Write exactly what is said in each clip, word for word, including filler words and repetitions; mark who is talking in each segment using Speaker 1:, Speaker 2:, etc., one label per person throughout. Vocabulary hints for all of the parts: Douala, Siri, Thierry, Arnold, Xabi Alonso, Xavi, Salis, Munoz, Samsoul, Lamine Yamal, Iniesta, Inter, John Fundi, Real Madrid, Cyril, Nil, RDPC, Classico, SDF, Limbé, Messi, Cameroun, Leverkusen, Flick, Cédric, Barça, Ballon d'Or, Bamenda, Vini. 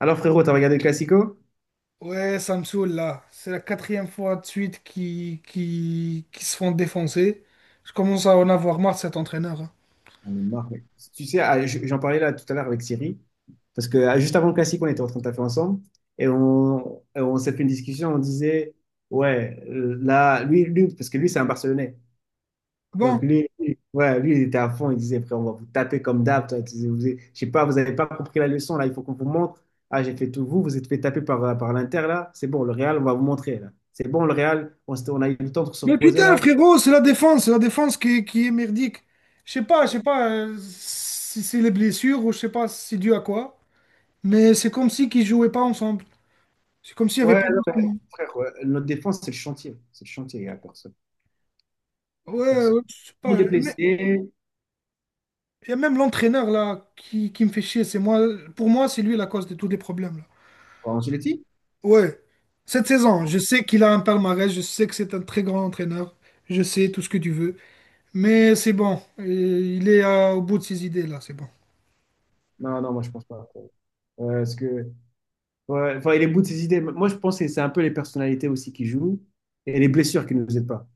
Speaker 1: Alors frérot, t'as regardé le Classico?
Speaker 2: Ouais, Samsoul, là, c'est la quatrième fois de suite qui, qui, qui se font défoncer. Je commence à en avoir marre de cet entraîneur, hein.
Speaker 1: J'en ai marre, mec. Tu sais, ah, je- j'en parlais là tout à l'heure avec Siri, parce que ah, juste avant le Classico, on était en train de taper ensemble, et on, et on s'est fait une discussion, on disait, ouais, euh, là, lui, lui, parce que lui, c'est un Barcelonais. Donc
Speaker 2: Bon.
Speaker 1: lui, lui- ouais, lui, il était à fond, il disait, frère, on va vous taper comme d'hab, toi. Tu sais, vous avez- je sais pas, vous n'avez pas compris la leçon, là, il faut qu'on vous montre. Ah, j'ai fait tout vous, vous êtes fait taper par, par l'Inter, là, c'est bon, le Real, on va vous montrer, là. C'est bon, le Real, on, s'était- on a eu le temps de se
Speaker 2: Mais
Speaker 1: reposer,
Speaker 2: putain,
Speaker 1: là.
Speaker 2: frérot, c'est la défense, c'est la défense qui, est- qui est merdique. Je sais pas, je sais pas euh, si c'est les blessures ou je sais pas si c'est dû à quoi. Mais c'est comme si qu'ils jouaient pas ensemble. C'est comme s'il y avait
Speaker 1: Ouais,
Speaker 2: pas
Speaker 1: non, mais,
Speaker 2: d'entraînement.
Speaker 1: frère, ouais, notre défense, c'est le chantier. C'est le chantier, il n'y a personne. Y a
Speaker 2: Ouais,
Speaker 1: personne.
Speaker 2: ouais, je sais
Speaker 1: Pour
Speaker 2: pas.
Speaker 1: les
Speaker 2: Il
Speaker 1: blessés.
Speaker 2: y a même l'entraîneur là qui, qui me fait chier. C'est moi, pour moi, c'est lui la cause de tous les problèmes là.
Speaker 1: Angelotti?
Speaker 2: Ouais, cette saison, je sais qu'il a un palmarès, je sais que c'est un très grand entraîneur, je sais tout ce que tu veux, mais c'est bon, euh, il est euh, au bout de ses idées là, c'est bon.
Speaker 1: Non, non, moi, je pense pas. Euh, parce que, ouais, enfin, il est bout de ses idées. Moi, je pense que c'est un peu les personnalités aussi qui jouent et les blessures qui ne nous aident pas.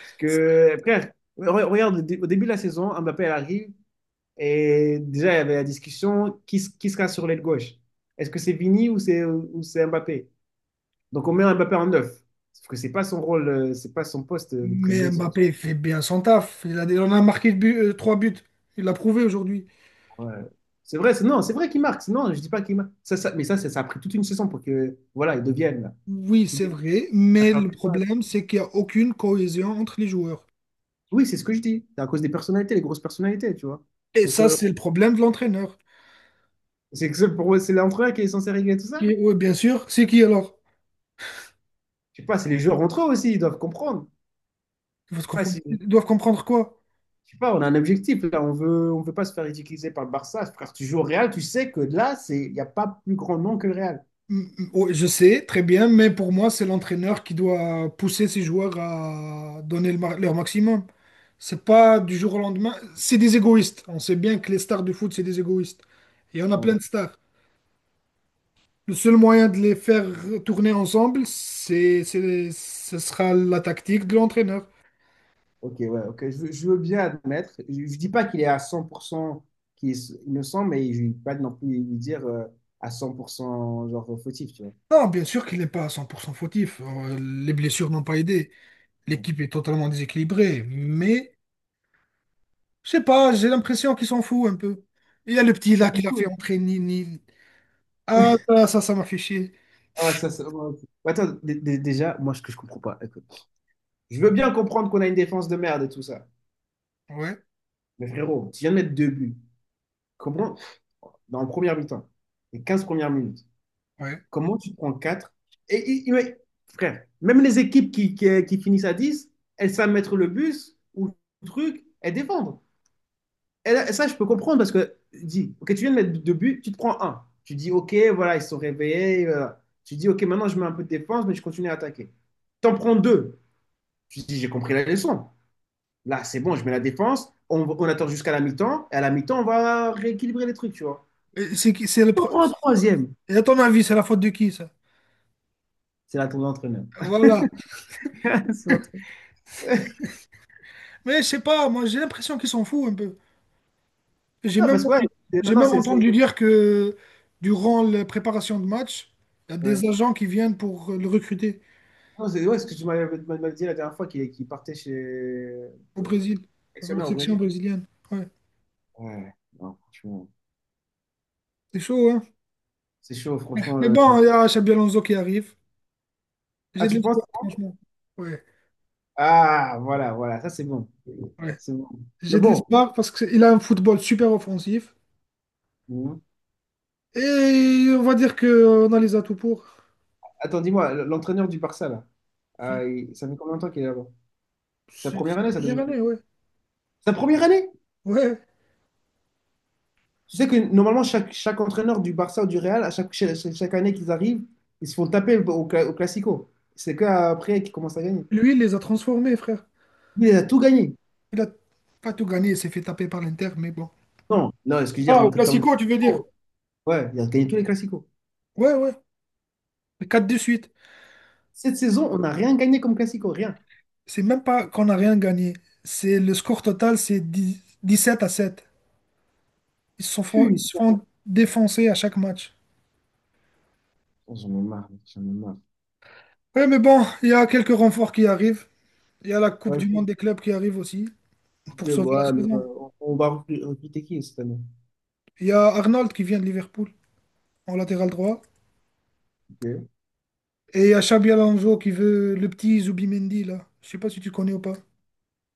Speaker 1: Parce que, frère, re- regarde, au dé- au début de la saison, Mbappé, elle arrive et déjà, il y avait la discussion qui, s- qui sera sur l'aile gauche? Est-ce que c'est Vini ou c'est ou c'est Mbappé? Donc, on met Mbappé en neuf. Sauf que c'est pas son rôle, euh, c'est pas son poste de
Speaker 2: Mais
Speaker 1: prédilection.
Speaker 2: Mbappé fait bien son taf, il a, il en a marqué but- euh, trois buts, il l'a prouvé aujourd'hui.
Speaker 1: Ouais. C'est vrai, c'est- non, c'est vrai qu'il marque. C'est- non, je dis pas qu'il marque. Ça, ça- mais ça, ça, ça a pris toute une saison pour que, voilà, ils deviennent là.
Speaker 2: Oui,
Speaker 1: Tout
Speaker 2: c'est
Speaker 1: est-
Speaker 2: vrai,
Speaker 1: on a
Speaker 2: mais le
Speaker 1: perdu le pas.
Speaker 2: problème, c'est qu'il n'y a aucune cohésion entre les joueurs.
Speaker 1: Oui, c'est ce que je dis. C'est à cause des personnalités, les grosses personnalités, tu vois.
Speaker 2: Et
Speaker 1: Donc,
Speaker 2: ça,
Speaker 1: euh,
Speaker 2: c'est le problème de l'entraîneur.
Speaker 1: c'est que c'est pour moi, c'est l'entraîneur qui est censé régler tout ça.
Speaker 2: Oui, bien sûr, c'est qui alors?
Speaker 1: Je sais pas, c'est les joueurs entre eux aussi, ils doivent comprendre.
Speaker 2: Ils
Speaker 1: Je
Speaker 2: doivent
Speaker 1: sais pas
Speaker 2: comprendre
Speaker 1: si,
Speaker 2: ils doivent comprendre quoi?
Speaker 1: je sais pas, on a un objectif là. On veut, on veut pas se faire ridiculiser par le Barça. Frère, tu joues au Real, tu sais que là, c'est, il y a pas plus grand nom que le Real.
Speaker 2: Mm, mm, oui, je sais, très bien, mais pour moi, c'est l'entraîneur qui doit pousser ses joueurs à donner le ma- leur maximum. C'est pas du jour au lendemain. C'est des égoïstes. On sait bien que les stars du foot, c'est des égoïstes. Et on a plein
Speaker 1: Bon.
Speaker 2: de stars. Le seul moyen de les faire tourner ensemble, c'est, c'est- ce sera la tactique de l'entraîneur.
Speaker 1: Ok, ouais, ok. Je, veux je veux bien admettre. Je ne dis pas qu'il est à cent pour cent qu'il est innocent, mais je ne vais pas non plus lui dire euh, à cent pour cent genre fautif, tu vois.
Speaker 2: Non, bien sûr qu'il n'est pas à cent pour cent fautif. Euh, Les blessures n'ont pas aidé.
Speaker 1: Ouais.
Speaker 2: L'équipe est totalement déséquilibrée. Mais je sais pas, j'ai l'impression qu'il s'en fout un peu. Il y a le petit là qui l'a fait entrer, Nil, Nil. Ah, ça, ça, ça m'a fait chier.
Speaker 1: Ah ouais, ça, ça- ouais, ok. Ouais, attends, dé- dé- déjà, moi, ce que je comprends pas, écoute. Je veux bien comprendre qu'on a une défense de merde et tout ça.
Speaker 2: Ouais,
Speaker 1: Mais frérot, tu viens de mettre deux buts. Comment, dans le premier mi-temps, les quinze premières minutes,
Speaker 2: ouais.
Speaker 1: comment tu prends quatre? Et, et- et ouais, frère, même les équipes qui, qui, qui finissent à dix, elles savent mettre le bus ou le truc et défendre. Et là, ça, je peux comprendre parce que dis, ok, tu viens de mettre deux buts, tu te prends un. Tu dis, ok, voilà, ils se sont réveillés. Euh, tu dis, ok, maintenant je mets un peu de défense, mais je continue à attaquer. T'en prends deux. Tu dis, j'ai compris la leçon. Là, c'est bon, je mets la défense. On, on attend jusqu'à la mi-temps. Et à la mi-temps, on va rééquilibrer les trucs, tu vois.
Speaker 2: Et c'est qui, c'est le
Speaker 1: T'en
Speaker 2: pro...
Speaker 1: prends un troisième.
Speaker 2: Et à ton avis, c'est la faute de qui, ça?
Speaker 1: C'est là ton entraîneur.
Speaker 2: Voilà.
Speaker 1: C'est notre-
Speaker 2: Mais je sais pas, moi, j'ai l'impression qu'ils s'en fout un peu. J'ai
Speaker 1: Non,
Speaker 2: même
Speaker 1: parce que ouais,
Speaker 2: entendu,
Speaker 1: c'est-
Speaker 2: j'ai
Speaker 1: maintenant,
Speaker 2: même
Speaker 1: c'est. c'est-
Speaker 2: entendu dire que durant la préparation de match, il y a
Speaker 1: Ouais.
Speaker 2: des agents qui viennent pour le recruter
Speaker 1: Non, c'est ouais, ce que tu m'avais m'avais dit la dernière fois qu'il qu'il partait chez.
Speaker 2: au
Speaker 1: Ouais,
Speaker 2: Brésil, pour la
Speaker 1: sélectionneur au
Speaker 2: section
Speaker 1: Brésil.
Speaker 2: brésilienne. Ouais,
Speaker 1: Ouais, non, franchement.
Speaker 2: c'est chaud, hein?
Speaker 1: C'est chaud, franchement.
Speaker 2: Mais
Speaker 1: le-
Speaker 2: bon, il y a Xabi Alonso qui arrive.
Speaker 1: Ah,
Speaker 2: J'ai de
Speaker 1: tu penses,
Speaker 2: l'espoir,
Speaker 1: hein?
Speaker 2: franchement. Ouais,
Speaker 1: Ah, voilà, voilà, ça c'est bon.
Speaker 2: ouais.
Speaker 1: C'est bon.
Speaker 2: J'ai
Speaker 1: Mais
Speaker 2: de
Speaker 1: bon,
Speaker 2: l'espoir parce qu'il a un football super offensif.
Speaker 1: mhm.
Speaker 2: Et on va dire qu'on a les atouts pour.
Speaker 1: Attends, dis-moi, l- l'entraîneur du Barça, là, ah,
Speaker 2: Flick,
Speaker 1: il- ça fait combien de temps qu'il est là-bas? Sa
Speaker 2: C'est
Speaker 1: première
Speaker 2: c'est la
Speaker 1: année, sa
Speaker 2: première
Speaker 1: deuxième année?
Speaker 2: année, ouais.
Speaker 1: Sa première année?
Speaker 2: Ouais.
Speaker 1: Tu sais que normalement, chaque, chaque entraîneur du Barça ou du Real, à chaque, chaque, chaque année qu'ils arrivent, ils se font taper au, au cla- au Classico. C'est qu'après qu'ils commencent à gagner.
Speaker 2: Lui, il les a transformés, frère.
Speaker 1: Lui, il a tout gagné.
Speaker 2: Il a pas tout gagné, il s'est fait taper par l'Inter, mais bon.
Speaker 1: Non, non, excusez
Speaker 2: Ah,
Speaker 1: en
Speaker 2: au
Speaker 1: tant que
Speaker 2: Classico, tu veux dire?
Speaker 1: Classico. Ouais, il a gagné tous les Classicos.
Speaker 2: Ouais, ouais, quatre de suite.
Speaker 1: Cette saison, on n'a rien gagné comme Classico, rien.
Speaker 2: C'est même pas qu'on n'a rien gagné. C'est le score total, c'est dix, dix-sept à sept. Ils se font, ils
Speaker 1: Putain.
Speaker 2: se font défoncer à chaque match.
Speaker 1: Oh, j'en ai marre, mec, j'en ai marre.
Speaker 2: Ouais, mais bon, il y a quelques renforts qui arrivent. Il y a la Coupe du
Speaker 1: Ok,
Speaker 2: Monde des clubs qui arrive aussi
Speaker 1: ok,
Speaker 2: pour
Speaker 1: bon,
Speaker 2: sauver la
Speaker 1: ouais, mais,
Speaker 2: saison.
Speaker 1: euh, on, on va recru- recruter qui cette année?
Speaker 2: Il y a Arnold qui vient de Liverpool en latéral droit.
Speaker 1: Ok?
Speaker 2: Et il y a Xabi Alonso qui veut le petit Zubimendi là. Je sais pas si tu connais ou pas.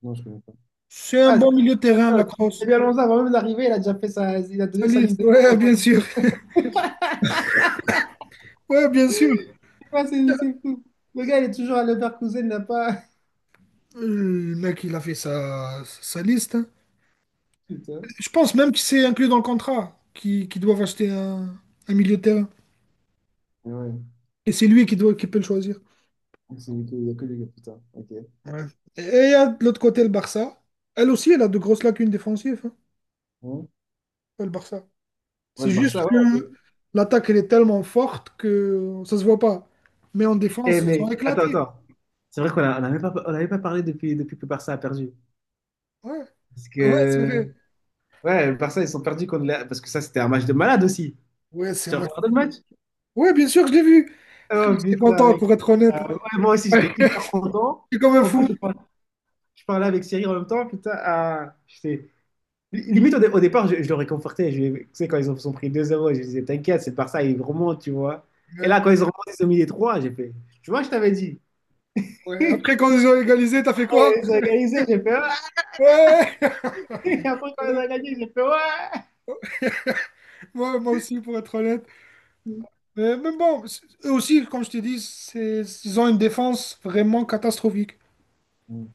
Speaker 1: Non, je connais pas.
Speaker 2: C'est un
Speaker 1: Ah, c'est
Speaker 2: bon milieu de terrain, la
Speaker 1: attends, c'est
Speaker 2: crosse.
Speaker 1: bien Alonso, avant même d'arriver, il a déjà fait sa, il a donné sa
Speaker 2: Salis,
Speaker 1: liste de
Speaker 2: ouais,
Speaker 1: commandes.
Speaker 2: bien sûr. Ouais, bien sûr.
Speaker 1: C'est quoi, c'est c'est fou. Le gars, il est toujours à Leverkusen, il n'a pas.
Speaker 2: Euh, Le mec, il a fait sa, sa liste, hein.
Speaker 1: Putain.
Speaker 2: Je pense même que c'est inclus dans le contrat qui- qu'ils doivent acheter un, un milieu de terrain.
Speaker 1: Mais ouais,
Speaker 2: Et c'est lui qui doit, qui peut le choisir.
Speaker 1: c'est- il y a que les gars, putain. Ok.
Speaker 2: Ouais. Et il y a de l'autre côté le Barça. Elle aussi, elle a de grosses lacunes défensives,
Speaker 1: Hein.
Speaker 2: hein, le Barça.
Speaker 1: Ouais,
Speaker 2: C'est
Speaker 1: le
Speaker 2: juste
Speaker 1: Barça, ouais.
Speaker 2: que l'attaque, elle est tellement forte que ça se voit pas. Mais en
Speaker 1: Eh,
Speaker 2: défense, ils sont
Speaker 1: mais attends,
Speaker 2: éclatés.
Speaker 1: attends. C'est vrai qu'on a- on n'avait pas, on avait pas parlé depuis, depuis que le Barça a perdu.
Speaker 2: Ouais,
Speaker 1: Parce
Speaker 2: ouais, c'est
Speaker 1: que,
Speaker 2: vrai.
Speaker 1: ouais, le Barça, ils sont perdus contre la- parce que ça, c'était un match de malade aussi.
Speaker 2: Ouais, c'est un
Speaker 1: Tu as
Speaker 2: match de
Speaker 1: regardé le
Speaker 2: fou.
Speaker 1: match?
Speaker 2: Ouais, bien sûr que je l'ai vu. Frère,
Speaker 1: Oh
Speaker 2: j'étais
Speaker 1: putain,
Speaker 2: content,
Speaker 1: mec.
Speaker 2: pour être
Speaker 1: Euh,
Speaker 2: honnête.
Speaker 1: ouais, moi aussi,
Speaker 2: Ouais,
Speaker 1: j'étais hyper content.
Speaker 2: j'étais comme un
Speaker 1: En plus,
Speaker 2: fou.
Speaker 1: je par- je parlais avec Cyril en même temps. Putain, ah, j'étais- limite, au, dé- au départ, je, je le réconfortais. Je, tu sais, quand ils ont, sont pris deux zéro, je disais, t'inquiète, c'est par ça, ils remontent, tu vois. Et
Speaker 2: Ouais,
Speaker 1: là, quand ils ont remonté, ils ont mis les trois, j'ai fait, tu vois, je t'avais dit.
Speaker 2: ouais. Après, quand ils ont égalisé, t'as fait quoi?
Speaker 1: Ouais, ils ont organisé, j'ai fait,
Speaker 2: Ouais,
Speaker 1: ouais. Après, quand ils ont
Speaker 2: ouais.
Speaker 1: gagné, j'ai fait, ouais.
Speaker 2: Moi, moi aussi, pour être honnête. Euh, mais bon, c'est- eux aussi, comme je t'ai dit, c'est, ils ont une défense vraiment catastrophique.
Speaker 1: Mm.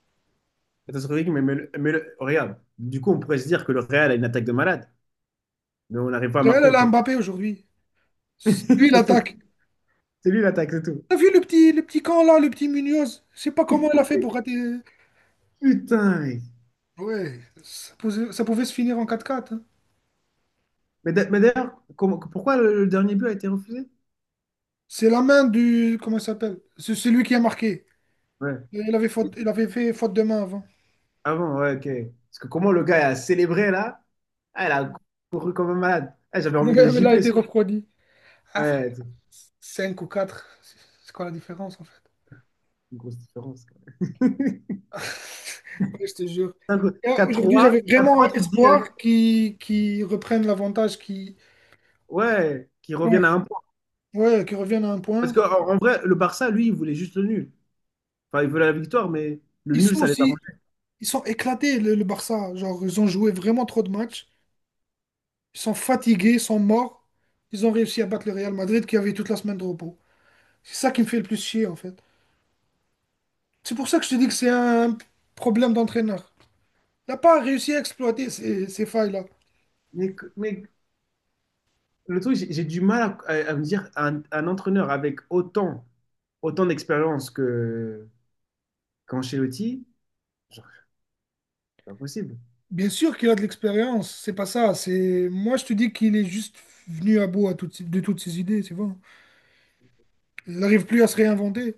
Speaker 1: Attends, Cédric, mais, mais le- mais le- regarde, du coup, on pourrait se dire que le Real a une attaque de malade, mais on n'arrive pas à
Speaker 2: D'ailleurs,
Speaker 1: marquer
Speaker 2: elle a
Speaker 1: contre.
Speaker 2: Mbappé aujourd'hui. Lui, il
Speaker 1: C'est tout.
Speaker 2: attaque.
Speaker 1: C'est lui l'attaque, c'est tout.
Speaker 2: T'as vu le petit, le petit camp là, le petit Munoz? Je sais pas comment il a fait pour rater.
Speaker 1: Putain, mec.
Speaker 2: Ouais, ça posait- ça pouvait se finir en quatre quatre, hein.
Speaker 1: Mais d'a- mais d'ailleurs, comment, pourquoi le, le dernier but a été refusé?
Speaker 2: C'est la main du. Comment il s'appelle? C'est c'est lui qui a marqué.
Speaker 1: Ouais.
Speaker 2: Il avait, faute, il avait fait faute de main avant.
Speaker 1: Ah bon, ouais, ok. Parce que comment le gars a célébré là? Ah, il a couru comme un malade. Ah, j'avais
Speaker 2: Mais
Speaker 1: envie de le
Speaker 2: il a
Speaker 1: gifler,
Speaker 2: été
Speaker 1: ça.
Speaker 2: refroidi. Ah frère,
Speaker 1: Ouais, c'est
Speaker 2: cinq ou quatre, c'est c'est quoi la différence en fait?
Speaker 1: une grosse différence, quoi.
Speaker 2: Ouais, je te jure.
Speaker 1: cinq
Speaker 2: Et
Speaker 1: quatre
Speaker 2: Aujourd'hui,
Speaker 1: trois
Speaker 2: j'avais
Speaker 1: quatre trois,
Speaker 2: vraiment
Speaker 1: tu te dis, allez,
Speaker 2: espoir qu'ils qu'ils reprennent l'avantage, qu'ils
Speaker 1: ouais, qu'ils
Speaker 2: ouais,
Speaker 1: reviennent à un point.
Speaker 2: ouais, qu'ils reviennent à un
Speaker 1: Parce
Speaker 2: point.
Speaker 1: qu'en en en vrai, le Barça, lui, il voulait juste le nul. Enfin, il voulait la victoire, mais le
Speaker 2: Ils
Speaker 1: nul,
Speaker 2: sont
Speaker 1: ça les
Speaker 2: aussi,
Speaker 1: arrangeait.
Speaker 2: Ils sont éclatés, le, le Barça. Genre, ils ont joué vraiment trop de matchs. Ils sont fatigués, ils sont morts. Ils ont réussi à battre le Real Madrid qui avait toute la semaine de repos. C'est ça qui me fait le plus chier, en fait. C'est pour ça que je te dis que c'est un problème d'entraîneur. Il n'a pas réussi à exploiter ces, ces failles-là.
Speaker 1: Mais, que- mais le truc, j'ai j'ai du mal à, à- à me dire, un, un entraîneur avec autant, autant d'expérience que qu'Ancelotti, genre, c'est pas possible.
Speaker 2: Bien sûr qu'il a de l'expérience, c'est pas ça. C'est Moi, je te dis qu'il est juste venu à bout à toutes ces- de toutes ses idées, c'est bon. Il n'arrive plus à se réinventer.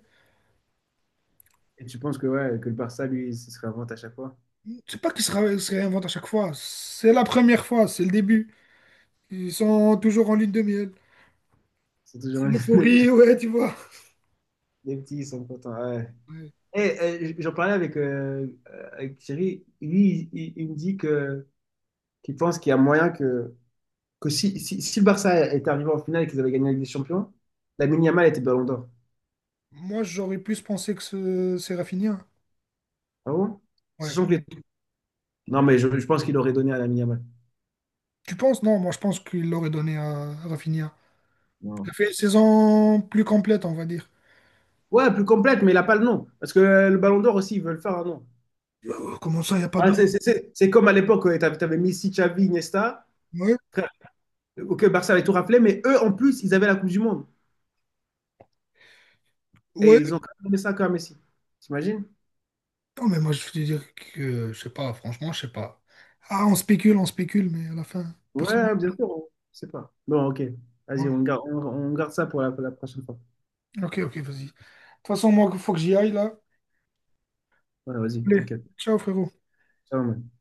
Speaker 1: Et tu penses que, ouais, que le Barça, lui, ce serait un vente à chaque fois?
Speaker 2: C'est pas qu'il se, ra- se réinvente à chaque fois. C'est la première fois, c'est le début. Ils sont toujours en lune de miel.
Speaker 1: Ils sont toujours
Speaker 2: C'est L'euphorie, ouais, tu vois.
Speaker 1: les petits, ils sont contents. Ouais.
Speaker 2: Ouais.
Speaker 1: Et euh, j'en parlais avec, euh, avec Thierry. Lui, il, il- il me dit que qu'il pense qu'il y a moyen que, que si, si, si le Barça était arrivé en finale et qu'ils avaient gagné la Ligue des Champions, Lamine Yamal était Ballon d'Or.
Speaker 2: Moi, j'aurais plus pensé que ce- c'est Rafinha.
Speaker 1: Ah bon?
Speaker 2: Ouais.
Speaker 1: Sachant que les- non, mais je, je pense qu'il aurait donné à Lamine Yamal.
Speaker 2: Tu penses? Non, moi, je pense qu'il l'aurait donné à Rafinha. Il
Speaker 1: Non.
Speaker 2: a fait une saison plus complète, on va dire.
Speaker 1: Ouais, plus complète, mais il n'a pas le nom. Parce que euh, le Ballon d'Or aussi, ils veulent faire un nom.
Speaker 2: Euh, Comment ça, il n'y a pas de
Speaker 1: Ah,
Speaker 2: nom?
Speaker 1: c'est c'est- c'est- c'est comme à l'époque, tu avais Messi, Xavi, Iniesta.
Speaker 2: Ouais,
Speaker 1: Ok, Barça avait tout raflé, mais eux, en plus, ils avaient la Coupe du Monde. Et ils ont
Speaker 2: ouais.
Speaker 1: quand même donné ça à Messi. T'imagines?
Speaker 2: Non, mais moi, je veux dire que, je sais pas, franchement, je sais pas. Ah, on spécule, on spécule, mais à la fin, personne.
Speaker 1: Ouais, bien sûr. on- Je sais pas. Bon, ok. Vas-y, on
Speaker 2: Ouais.
Speaker 1: garde, on, on garde ça pour la, pour la prochaine fois.
Speaker 2: Ok, ok, vas-y. De toute façon, moi, il faut que j'y aille, là.
Speaker 1: Ouais, vas-y,
Speaker 2: Allez,
Speaker 1: t'inquiète.
Speaker 2: ciao, frérot.
Speaker 1: Ça va, mec.